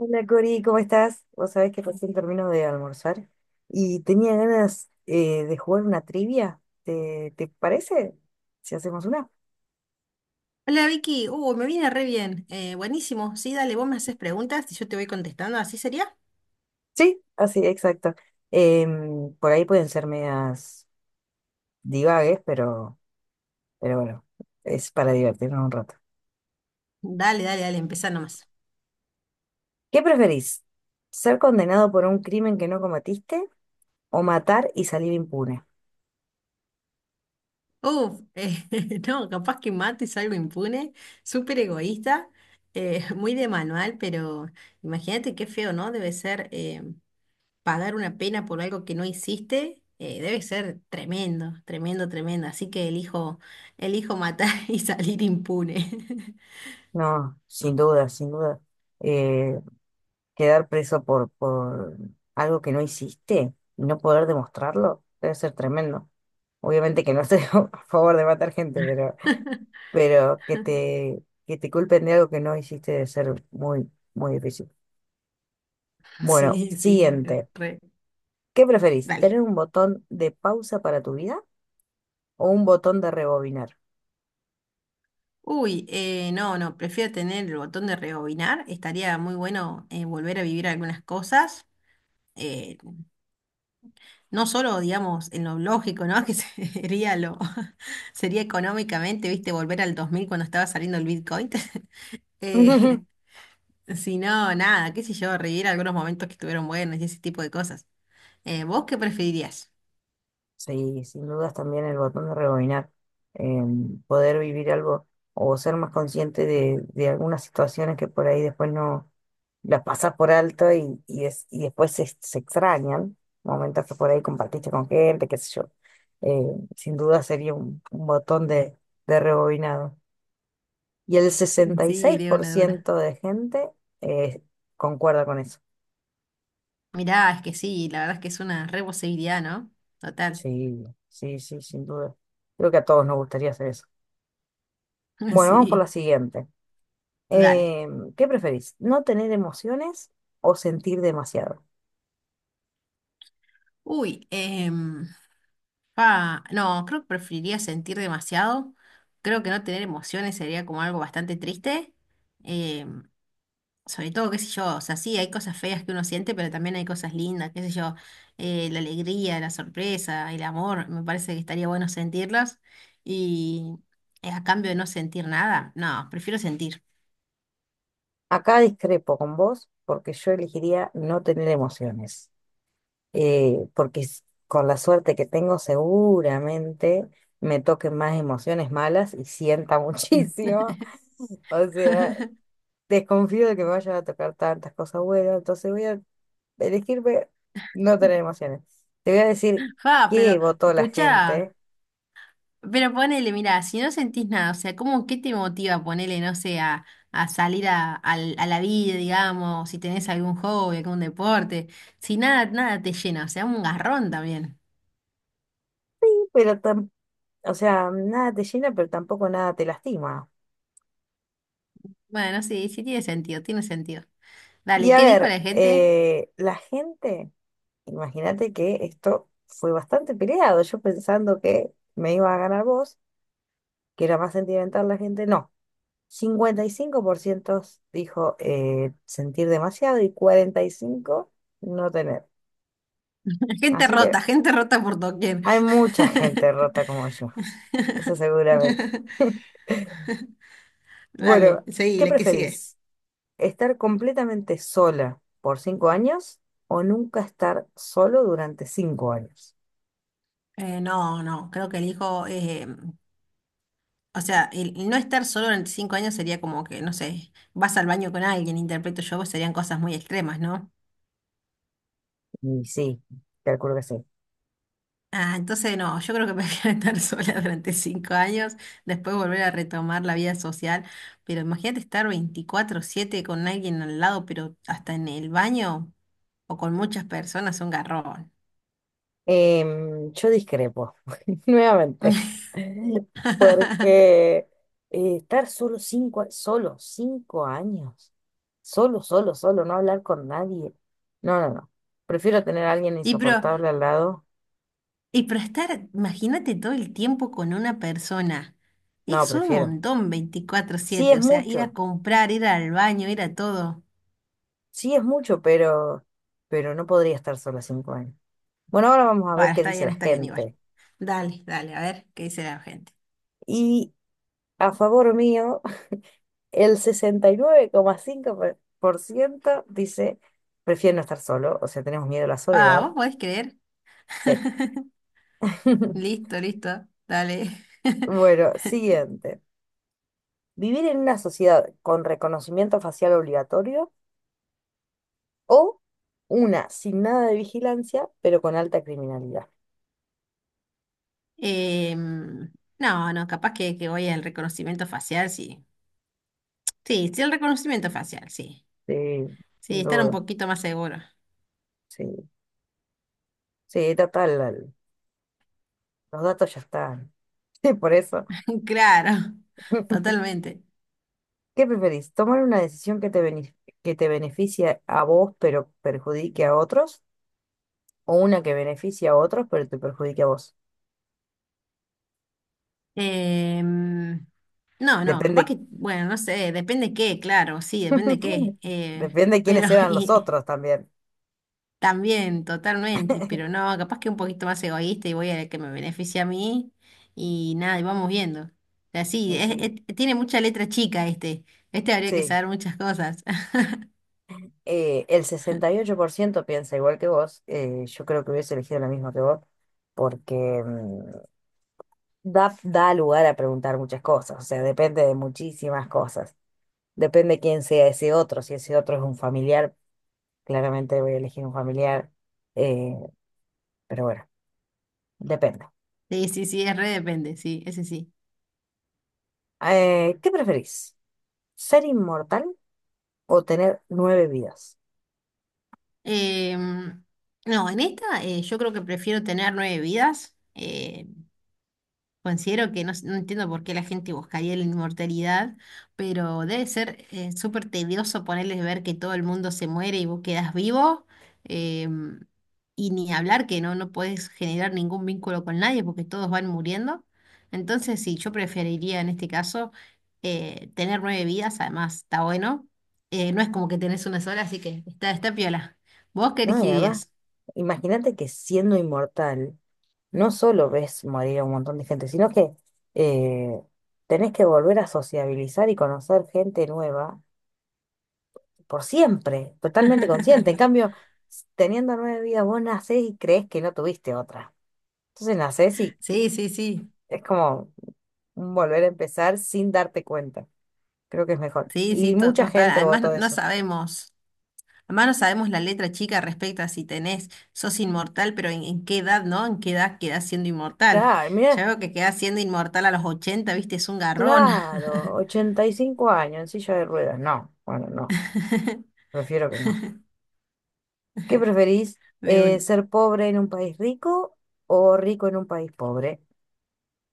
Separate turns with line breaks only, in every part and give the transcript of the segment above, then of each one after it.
Hola Cori, ¿cómo estás? Vos sabés que recién termino de almorzar y tenía ganas de jugar una trivia. ¿Te parece? Si hacemos una.
Hola Vicky, me viene re bien. Buenísimo, sí, dale, vos me haces preguntas y yo te voy contestando, ¿así sería?
Sí, así, exacto. Por ahí pueden ser medias divagues, pero bueno, es para divertirnos un rato.
Dale, dale, dale, empezá nomás.
¿Qué preferís? ¿Ser condenado por un crimen que no cometiste o matar y salir impune?
Uf, no, capaz que mato y salgo impune, súper egoísta, muy de manual, pero imagínate qué feo, ¿no? Debe ser pagar una pena por algo que no hiciste. Debe ser tremendo, tremendo, tremendo. Así que elijo matar y salir impune.
No, sin duda, sin duda. Eh, Quedar preso por algo que no hiciste y no poder demostrarlo debe ser tremendo. Obviamente que no estoy a favor de matar gente, pero que te culpen de algo que no hiciste debe ser muy, muy difícil. Bueno,
Sí, sí,
siguiente.
re.
¿Qué preferís?
Dale.
¿Tener un botón de pausa para tu vida o un botón de rebobinar?
Uy, no, no, prefiero tener el botón de rebobinar. Estaría muy bueno, volver a vivir algunas cosas. eh, no solo, digamos, en lo lógico, ¿no? Sería económicamente, viste, volver al 2000 cuando estaba saliendo el Bitcoin. eh, si no, nada, qué sé yo, revivir algunos momentos que estuvieron buenos y ese tipo de cosas. ¿Vos qué preferirías?
Sí, sin dudas también el botón de rebobinar, eh, poder vivir algo o ser más consciente de algunas situaciones que por ahí después no las pasas por alto y después se extrañan, momentos que por ahí compartiste con gente, qué sé yo. Eh, Sin duda sería un botón de rebobinado. Y el sesenta y
Sí,
seis
de
por
una, de una.
ciento de gente eh, concuerda con eso.
Mirá, es que sí, la verdad es que es una re posibilidad, ¿no? Total.
Sí, sí, sí, sin duda. Creo que a todos nos gustaría hacer eso. Bueno, vamos por la
Sí,
siguiente.
dale.
Eh, ¿Qué preferís? ¿No tener emociones o sentir demasiado?
Uy, ah, no, creo que preferiría sentir demasiado. Creo que no tener emociones sería como algo bastante triste. Eh, Sobre todo, qué sé yo, o sea, sí, hay cosas feas que uno siente, pero también hay cosas lindas, qué sé yo, la alegría, la sorpresa, el amor, me parece que estaría bueno sentirlos. Y a cambio de no sentir nada, no, prefiero sentir.
Acá discrepo con vos porque yo elegiría no tener emociones, porque con la suerte que tengo seguramente me toquen más emociones malas y sienta
Mm.
muchísimo. O sea, desconfío de que me vayan a tocar tantas cosas buenas, entonces voy a elegirme no tener emociones. Te voy a decir
Fa,
qué
pero
votó la
escucha.
gente,
Pero ponele, mira, si no sentís nada, o sea, ¿cómo qué te motiva ponele, no sé, a salir a la vida, digamos, si tenés algún hobby, algún deporte, si nada, nada te llena, o sea, un garrón también?
pero tampoco o sea, nada te llena, pero tampoco nada te lastima.
Bueno, sí, sí tiene sentido, tiene sentido.
Y
Dale,
a
¿qué dijo
ver,
la gente?
la gente, imagínate que esto fue bastante peleado. Yo pensando que me iba a ganar vos, que era más sentimental la gente, no. 55% dijo sentir demasiado y 45% no tener. Así que
Gente rota por doquier.
hay mucha gente rota como yo, eso seguramente.
Dale,
Bueno,
seguí,
¿qué
la que sigue.
preferís? ¿Estar completamente sola por 5 años o nunca estar solo durante 5 años?
No, no, creo que elijo. O sea, el no estar solo durante 5 años sería como que, no sé, vas al baño con alguien, interpreto yo, pues serían cosas muy extremas, ¿no?
Y sí, calculo que sí.
Ah, entonces no, yo creo que prefiero estar sola durante 5 años, después volver a retomar la vida social, pero imagínate estar 24/7 con alguien al lado, pero hasta en el baño o con muchas personas, un garrón.
Yo discrepo, nuevamente, porque estar solo 5 años, solo, solo, solo, no hablar con nadie. No, no, no. Prefiero tener a alguien
Y pero
insoportable al lado.
Y para estar, imagínate todo el tiempo con una persona.
No,
Es un
prefiero.
montón veinticuatro
Sí
siete
es
o sea, ir a
mucho,
comprar, ir al baño, ir a todo.
sí es mucho, pero no podría estar sola 5 años. Bueno, ahora vamos a
Bueno,
ver qué dice la
está bien, igual.
gente.
Dale, dale, a ver qué dice la gente.
Y a favor mío, el sesenta y nueve coma cinco por ciento dice, prefiero no estar solo, o sea, tenemos miedo a la
Ah,
soledad.
¿vos podés creer?
Sí.
Listo, listo, dale.
Bueno, siguiente. ¿Vivir en una sociedad con reconocimiento facial obligatorio o una sin nada de vigilancia, pero con alta criminalidad?
Em, no, no, capaz que, voy al reconocimiento facial, sí. Sí, sí, el reconocimiento facial, sí.
Sí,
Sí,
sin
estar un
duda.
poquito más seguro.
Sí, sí, total, los datos ya están. Sí, por eso.
Claro, totalmente.
¿Qué preferís? ¿Tomar una decisión que te beneficie a vos pero perjudique a otros? ¿O una que beneficie a otros pero te perjudique a vos?
Em, no, no, capaz
Depende,
que, bueno, no sé, depende qué, claro, sí, depende qué. eh,
depende
pero,
quiénes eran los
y
otros también.
también, totalmente, pero no, capaz que un poquito más egoísta y voy a que me beneficie a mí y nada, y vamos viendo. O sea, sí,
Y sí,
tiene mucha letra chica este. Este habría que
sí.
saber muchas cosas.
El 68% piensa igual que vos. Yo creo que hubiese elegido la misma que vos porque mm, da lugar a preguntar muchas cosas. O sea, depende de muchísimas cosas. Depende quién sea ese otro, si ese otro es un familiar. Claramente voy a elegir un familiar, eh, pero bueno, depende.
Sí, sí, sí, es re depende, sí, ese sí.
¿Qué preferís? ¿Ser inmortal o tener nueve vidas?
Em, no, en esta yo creo que prefiero tener nueve vidas. Considero que no, no entiendo por qué la gente buscaría la inmortalidad, pero debe ser súper tedioso ponerles ver que todo el mundo se muere y vos quedás vivo. em, y ni hablar que no, no podés generar ningún vínculo con nadie porque todos van muriendo. Entonces, sí, yo preferiría en este caso, tener nueve vidas, además está bueno. No es como que tenés una sola, así que está piola. ¿Vos qué
No, y además,
elegirías?
imagínate que siendo inmortal, no solo ves morir a un montón de gente, sino que eh, tenés que volver a sociabilizar y conocer gente nueva por siempre, totalmente consciente. En cambio, teniendo nueve vidas, vos nacés y crees que no tuviste otra. Entonces nacés y
Sí, sí, sí.
es como volver a empezar sin darte cuenta. Creo que es mejor.
Sí, sí,
Y mucha
total.
gente votó
Además, no
eso.
sabemos. Además no sabemos la letra chica respecto a si tenés, sos inmortal, pero en qué edad, ¿no? ¿En qué edad quedás siendo inmortal?
Claro, mira,
Ya veo que quedás siendo inmortal a los 80, viste, es un garrón.
claro, 85 años en silla de ruedas. No, bueno, no, prefiero que no. ¿Qué preferís?
De una.
¿Ser pobre en un país rico o rico en un país pobre?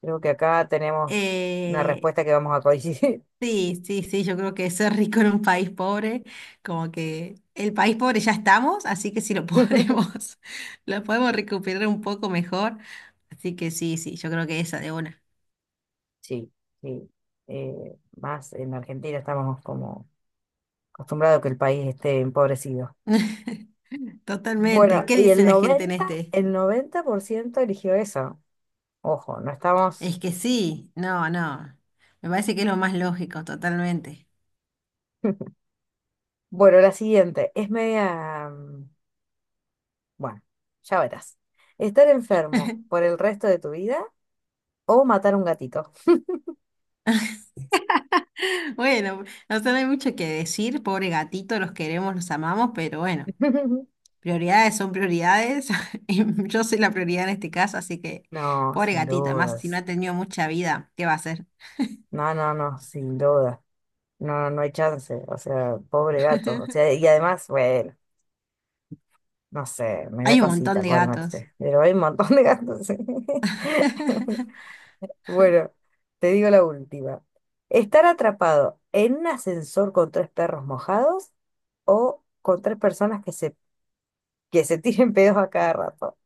Creo que acá tenemos una
Eh,
respuesta que vamos a coincidir.
sí, sí, sí, yo creo que ser rico en un país pobre, como que el país pobre ya estamos, así que si lo podemos, lo podemos recuperar un poco mejor. Así que sí, sí, yo creo que esa de una.
Sí, sí. Más en Argentina estamos como acostumbrados a que el país esté empobrecido. Bueno,
Totalmente. ¿Qué
y
dice
el
la gente en
noventa
este?
el noventa por ciento eligió eso. Ojo, no estamos...
Es que sí, no, no. Me parece que es lo más lógico, totalmente.
Bueno, la siguiente es media, bueno, ya verás. ¿Estar enfermo por el resto de tu vida o matar un gatito?
Bueno, o sea, no hay mucho que decir, pobre gatito, los queremos, los amamos, pero bueno, prioridades son prioridades. Y yo soy la prioridad en este caso, así que
No,
pobre
sin
gatito, además si no
dudas.
ha tenido mucha vida, ¿qué va a hacer?
No, no, no, sin dudas. No, no hay chance. O sea, pobre gato. O sea, y además, bueno, no sé, me da
Hay un montón
cosita,
de
pobre
gatos.
Matute. Pero hay un montón de gatos. Bueno, te digo la última. ¿Estar atrapado en un ascensor con tres perros mojados o con tres personas que se tiren pedos a cada rato?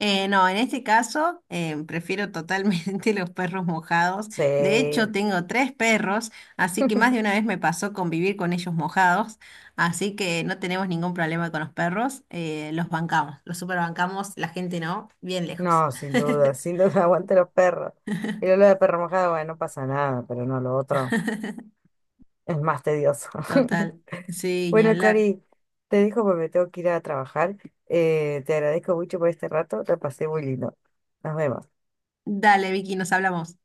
No, en este caso prefiero totalmente los perros mojados. De
Sí.
hecho, tengo tres perros, así que más de una vez me pasó convivir con ellos mojados, así que no tenemos ningún problema con los perros. Los bancamos, los superbancamos, la gente no, bien lejos.
No, sin duda, sin duda, aguante los perros. Y lo de perro mojado, bueno, no pasa nada, pero no, lo otro es más tedioso.
Total, sí, ni
Bueno,
hablar.
Cari, te dejo porque me tengo que ir a trabajar. Te agradezco mucho por este rato, te pasé muy lindo. Nos vemos.
Dale, Vicky, nos hablamos.